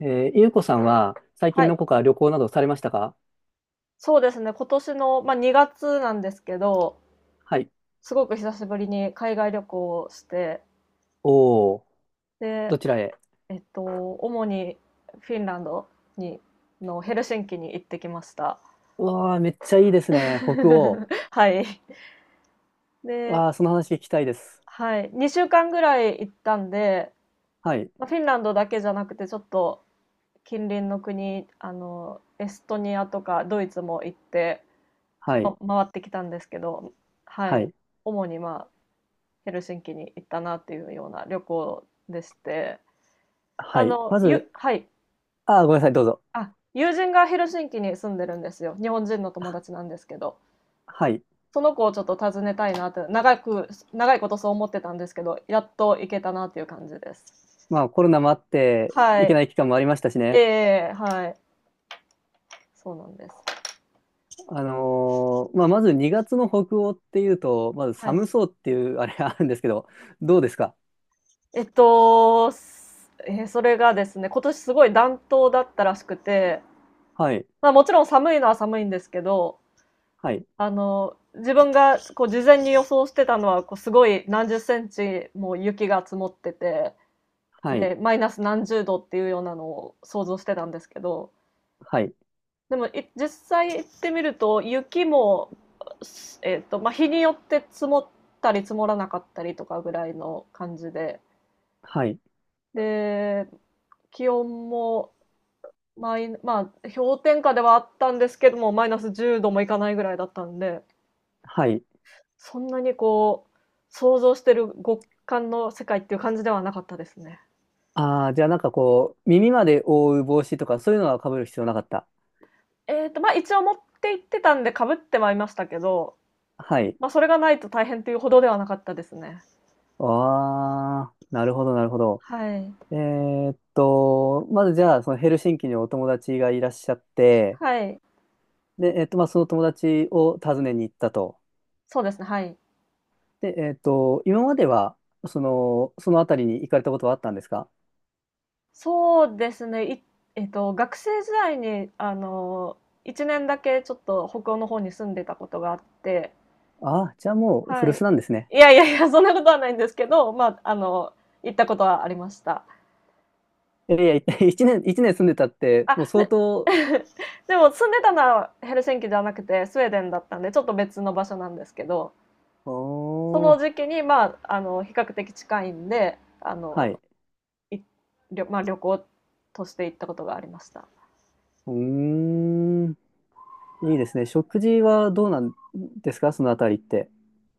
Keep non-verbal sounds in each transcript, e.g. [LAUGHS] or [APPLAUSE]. ゆうこさんは最は近のい、こか旅行などされましたか？そうですね、今年の、まあ、2月なんですけど、はい。すごく久しぶりに海外旅行をして、おお、で、どちらへ？えっと、主にフィンランドにのヘルシンキに行ってきました。うわあ、めっちゃいいです [LAUGHS] ね。北欧。はい。で、わあ、その話聞きたいです。はい、2週間ぐらい行ったんで、はい。まあ、フィンランドだけじゃなくてちょっと近隣の国、あの、エストニアとかドイツも行って、はま、い。回ってきたんですけど、ははい、い。主に、まあヘルシンキに行ったなっていうような旅行でして、はい。まず、はい。ああ、ごめんなさい、どうぞ。あ、友人がヘルシンキに住んでるんですよ。日本人の友達なんですけど、はい。その子をちょっと訪ねたいなって、長いことそう思ってたんですけど、やっと行けたなっていう感じです。まあ、コロナもあって、は行けない。い期間もありましたしえね。え、はい。そうなんです。まあ、まず2月の北欧っていうと、まずは寒い。そうっていうあれがあるんですけど、どうですか？えっと、すええ、それがですね、今年すごい暖冬だったらしくて、はい。まあ、もちろん寒いのは寒いんですけど、はい。あの、自分がこう事前に予想してたのは、こうすごい何十センチも雪が積もってて、はい。で、マイナス何十度っていうようなのを想像してたんですけど、はい。でも実際行ってみると、雪も、えっと、まあ、日によって積もったり積もらなかったりとかぐらいの感じで、はい。で、気温もまあ、氷点下ではあったんですけども、マイナス10度もいかないぐらいだったんで、はい。そんなにこう、想像してる極寒の世界っていう感じではなかったですね。ああ、じゃあなんかこう、耳まで覆う帽子とかそういうのは被る必要なかった。えっと、まあ、一応持って行ってたんで被ってはいましたけど、はい。まあ、それがないと大変っていうほどではなかったですね。ああ、なるほど、なるほど。はい。まずじゃあ、そのヘルシンキにお友達がいらっしゃって、はい。で、まあ、その友達を訪ねに行ったと。そうですね、はい。で、今までは、その辺りに行かれたことはあったんですか？そうですね、えっと、学生時代に、あの、1年だけちょっと北欧の方に住んでたことがあって、ああー、じゃあもうは古い。巣なんですね。いやいやいや、そんなことはないんですけど、まあ、あの、行ったことはありました。いやいや、[LAUGHS] 一年、一年住んでたって、あ、もう相で 当、[LAUGHS] でも住んでたのはヘルシンキじゃなくてスウェーデンだったんでちょっと別の場所なんですけど、そおのー、時期にまああの比較的近いんであはのい。い旅、まあ、旅行として行ったことがありました。うーん。いいですね。食事はどうなんですか、そのあたりって？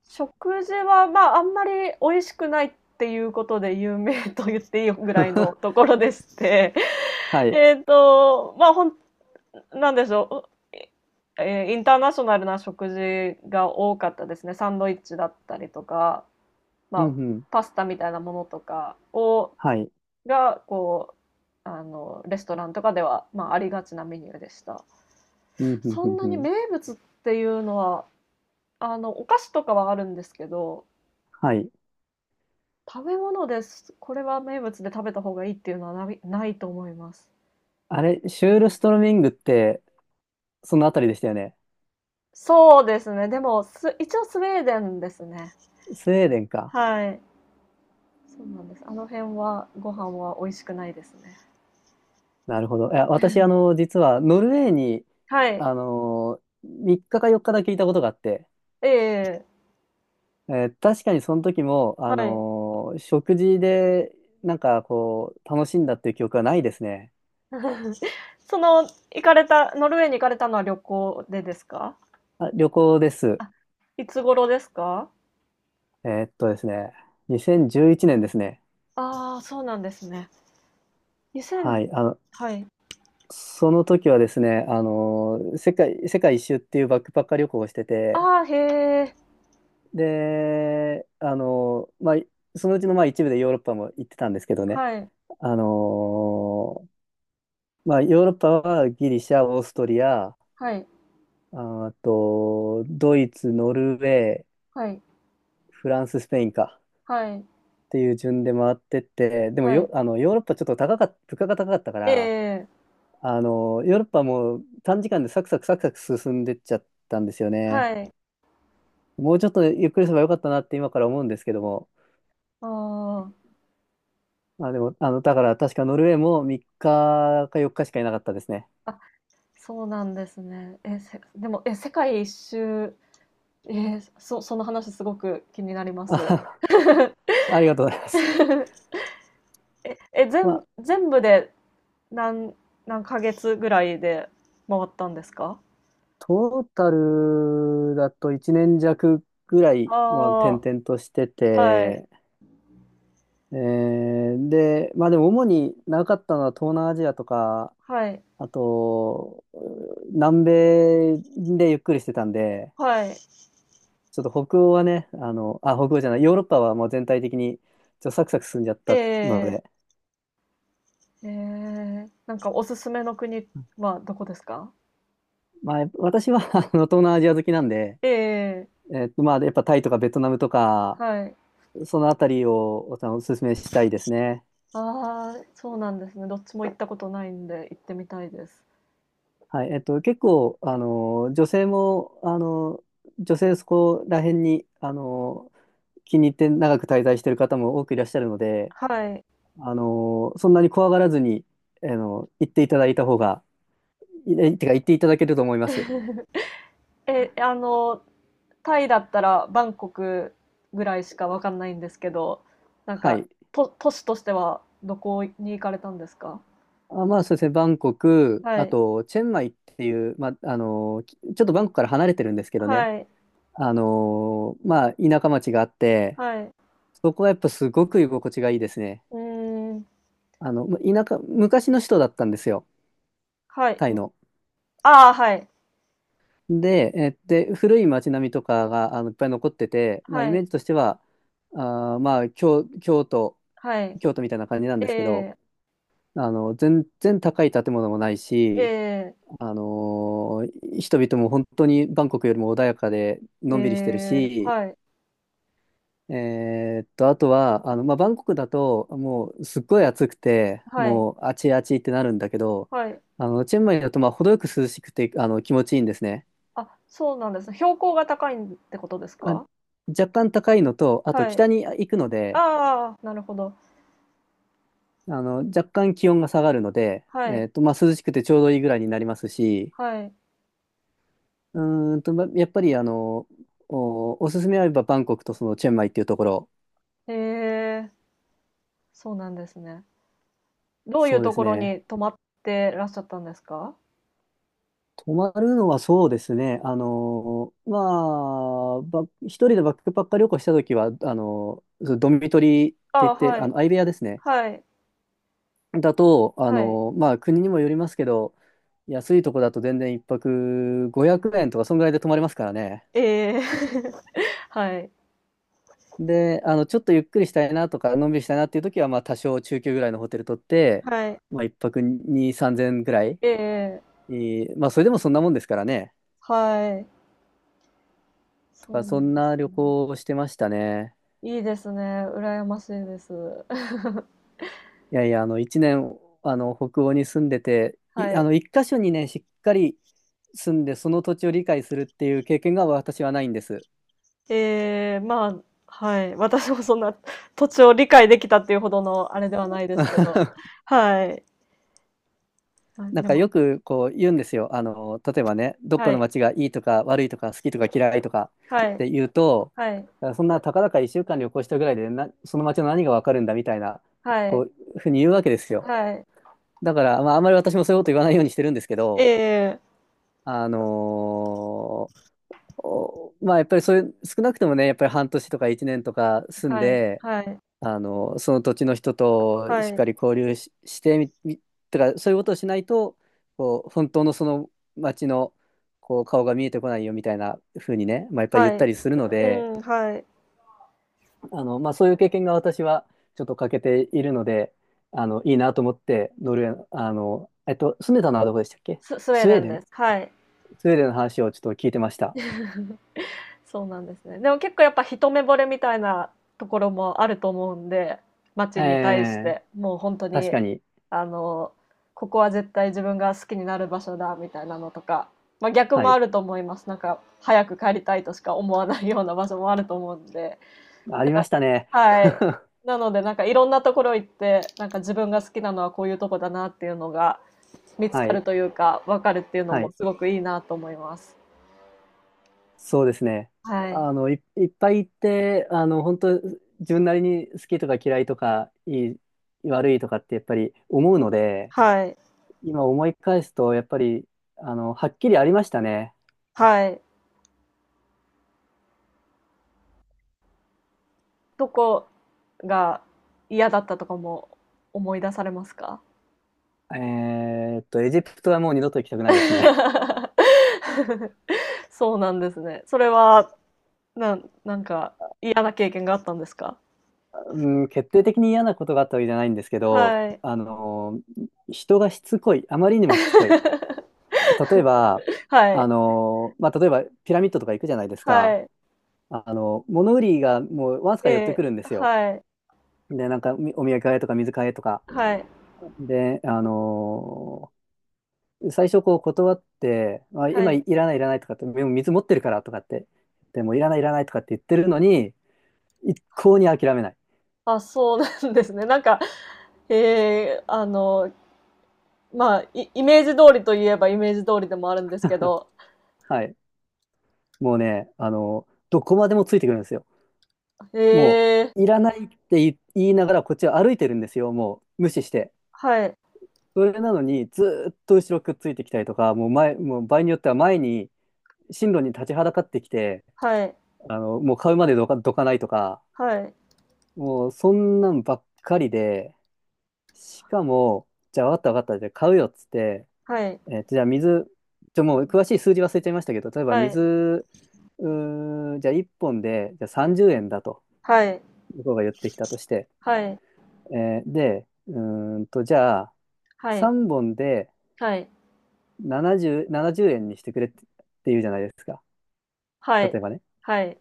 食事はまああんまり美味しくないっていうことで有名と言っていいぐらいのとこ [LAUGHS] ろでして は [LAUGHS] い。まあ、なんでしょう、えーインターナショナルな食事が多かったですね。サンドイッチだったりとか、うんまあ、うん。パスタみたいなものとかをはい。がこうあのレストランとかでは、まあ、ありがちなメニューでした。うんうんそうんんなうにん。名物っていうのはお菓子とかはあるんですけど、はい。食べ物ですこれは名物で食べた方がいいっていうのはないと思います。あれ、シュールストロミングって、そのあたりでしたよね。そうですね。でも一応スウェーデンですね。スウェーデンか。はい。そうなんです。あの辺はご飯は美味しくないですね。なるほど。いや、私、実は、ノルウェーに、はい。3日か4日だけいたことがあって、ええ、確かにその時も、はい。 食事で、なんか、こう、楽しんだっていう記憶はないですね。[LAUGHS] その、行かれた、ノルウェーに行かれたのは旅行でですか？あ、旅行です。あ、いつ頃ですか？ですね、2011年ですね。ああー、そうなんですね。2000。はい、はい。その時はですね、世界一周っていうバックパッカー旅行をしてて、ああ、へえ。で、まあ、そのうちのまあ一部でヨーロッパも行ってたんですけどね、はい。あの、まあ、ヨーロッパはギリシャ、オーストリア、はい。あと、ドイツ、ノルウェー、はい。フランス、スペインかはい。っていう順で回ってって、でもはよ、い。ヨーロッパちょっと高かった物価が高かったから、ええ、ヨーロッパも短時間でサクサクサクサク進んでっちゃったんですよね。はい。もうちょっとゆっくりすればよかったなって今から思うんですけども。あまあ、でも、だから確かノルウェーも3日か4日しかいなかったですね。あ。あ、そうなんですね。え、でも、え、世界一周、その話すごく気になります。あ、[LAUGHS] ありがとうございます。[LAUGHS] え、え、まあ、全部で、何何ヶ月ぐらいで回ったんですか？トータルだと1年弱ぐらい、あまあ、転々としてあはい、て、で、まあでも主に長かったのは東南アジアとか、はい、あと、南米でゆっくりしてたんで、はい。ちょっと北欧はね、あ、北欧じゃない、ヨーロッパはもう全体的にちょっとサクサク進んじゃっえたのえ、で、ええ、なんかおすすめの国はどこですか？まあ、私は [LAUGHS] 東南アジア好きなんで、ええ、まあ、やっぱタイとかベトナムとか、はい。そのあたりをお勧めしたいですね。ああ、そうなんですね。どっちも行ったことないんで行ってみたいです。はい、結構、女性も、女性そこら辺に、気に入って長く滞在してる方も多くいらっしゃるので、はい。そんなに怖がらずに、行っていただいた方が、いえてか、行っていただけると思います。え、あの、タイだったらバンコクぐらいしかわかんないんですけど、なんはか、い。都市としてはどこに行かれたんですか？あ、まあそうですね、バンコク、はあい、と、チェンマイっていう、まあ、ちょっとバンコクから離れてるんですけどね、はい、まあ、田舎町があって、はい。そこはやっぱすごく居心地がいいですね。うーん、まあ昔の首都だったんですよ、はい。タイの。ああはい、で、古い町並みとかが、いっぱい残ってて、まあ、イはメーい、ジとしては、まあ、京、京都、は京都みたいな感じなんですけど、い。ええ、全然高い建物もないえし、え、人々も本当にバンコクよりも穏やかでえのんびりしてるえ、し、はい、あとは、まあ、バンコクだともうすっごい暑くて、はい、もうあちあちってなるんだけど、はい。チェンマイだとまあ程よく涼しくて、気持ちいいんですね。あ、そうなんですね。標高が高いんってことですあ、か？若干高いのと、あとはい。北に行くので、ああなるほど。若干気温が下がるので、はい、まあ、涼しくてちょうどいいぐらいになりますし、はい。うまあやっぱりおすすめあればバンコクとそのチェンマイっていうところ、へえ、そうなんですね。どういそううでとすころね。に泊まってらっしゃったんですか？泊まるのはそうですね。まあ、一人でバックパッカー旅行したときは、そのドミトリーっあて言っあ、て、はい、相部屋ですね。はい、だと、はい。まあ、国にもよりますけど、安いとこだと全然一泊500円とか、そんぐらいで泊まれますからね。ええ。[LAUGHS] はい、で、ちょっとゆっくりしたいなとか、のんびりしたいなっていうときは、まあ、多少中級ぐらいのホテル取って、はい。まあ、一泊2、3000円ぐらい。ええ。まあ、それでもそんなもんですからね。はい。とそか、うなそんでんすな旅ね。行をしてましたね。いいですね、羨ましいです。[LAUGHS] いやいや、一年、北欧に住んでて、はい。一箇所にね、しっかり住んで、その土地を理解するっていう経験が私はないんです。ええ、まあ、はい。私もそんな土地を理解できたっていうほどのあれではないですけど。[LAUGHS] はい。あ、なんでかも、よくこう言うんですよ。例えばね、どっかはのい。街がいいとか悪いとか好きとか嫌いとかはっい。て言うと、はい。そんなたかだか1週間旅行したぐらいでな、その街の何がわかるんだみたいな、はこい。う、ふうに言うわけですよ。はい。だから、まあ、あんまり私もそういうこと言わないようにしてるんですけえど、え、あのーおまあ、やっぱりそういう、少なくともね、やっぱり半年とか1年とか住んはい。で、はい。その土地の人とはしっい。かり交流し、してみ、み、とか、そういうことをしないと、こう、本当のその町の、こう、顔が見えてこないよみたいな風にね、まあ、やっぱり言はったい。りするのうで、ん、はい。まあ、そういう経験が私はちょっと欠けているので、いいなと思って、ノルウェーの、住んでたのはどこでしたっけ？スウェースウェデーンデンです。はい。の話をちょっと聞いてました。そうなんですね。でも結構やっぱ一目惚れみたいなところもあると思うんで、街に対しえーて、もう本当確に、かに。あの、ここは絶対自分が好きになる場所だみたいなのとか、まあ、逆はもい。あると思います。なんか、早く帰りたいとしか思わないような場所もあると思うんで、あなりんまか、したね。はい。[LAUGHS] なので、なんかいろんなところ行って、なんか自分が好きなのはこういうとこだなっていうのが見つはかるい。というか、わかるっていうのはもい。すごくいいなと思います。そうですね。はい。いっぱい行って、本当自分なりに好きとか嫌いとか、いい、悪いとかってやっぱり思うので、はい。今思い返すと、やっぱり、はっきりありましたね。はい。とこが嫌だったとかも思い出されますか？ えエジプトはもう二度と行きたくないですね。[LAUGHS] そうなんですね。それは、なんか嫌な経験があったんですか？ [LAUGHS] うん、決定的に嫌なことがあったわけじゃないんですけど、はい。人がしつこい。あまりにもしつこい。例えば、はい。まあ、例えばピラミッドとか行くじゃないですはか。い。物売りがもうわずかえ寄ってくえ。るんですよ。はい。で、なんかお土産買えとか水買えとか。はい。で、最初こう断って、あ、は今いい。らないいらないとかって、でも水持ってるからとかって、でもいらないいらないとかって言ってるのに、一向に諦めない。あ、そうなんですね。なんか、ええ、あの、まあ、イイメージ通りといえばイメージ通りでもあるんですけど。はい。もうね、どこまでもついてくるんですよ。もえう、いえ。らないって言いながらこっちは歩いてるんですよ。もう無視して。はい。それなのにずーっと後ろくっついてきたりとか、もう場合によっては前に、進路に立ちはだかってきて、はい。もう買うまでどかないとか、はい。もうそんなんばっかりで、しかも、じゃあわかったわかった、じゃあ買うよっつって、はい。じゃあ水、もう詳しい数字忘れちゃいましたけど、例えばはい。水、じゃあ1本で、じゃあ30円だと、はい。向こうが言ってきたとして、はい。で、じゃあはい。3本ではい、70円にしてくれって言うじゃないですか。は例い、えばね。はい、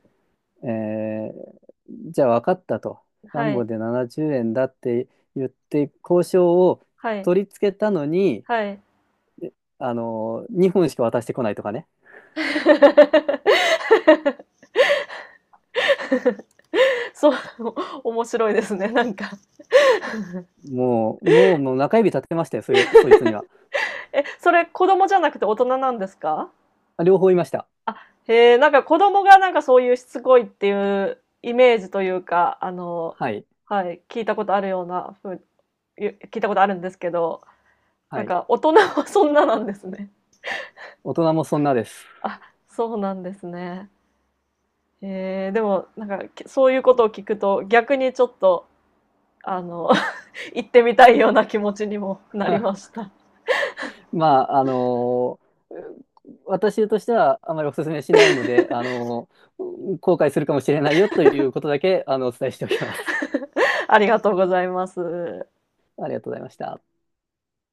えーじゃあ分かったと。は3本い、で70円だって言って交渉をはい、取り付けたのに、はい、2本しか渡してこないとかね。[LAUGHS] そう、[LAUGHS] 面白いですね、なんか。もう、もう、もう中指立てましたよ、そいつには。え、それ子供じゃなくて大人なんですか？両方いました。あ、へえ、なんか子供がなんかそういうしつこいっていうイメージというか、あの、はい。はい、聞いたことあるようなふう、聞いたことあるんですけど、なはんい。か大人はそんななんですね。大人もそんなです。あ、そうなんですね。えー、でも、なんか、そういうことを聞くと、逆にちょっと、あの [LAUGHS]、行ってみたいような気持ちにもなりまし [LAUGHS] た。まあ、私としてはあまりお勧めしないので、後悔するかもしれないよということだけ、お伝えしておきます。ありがとうございます。[LAUGHS] ありがとうございました。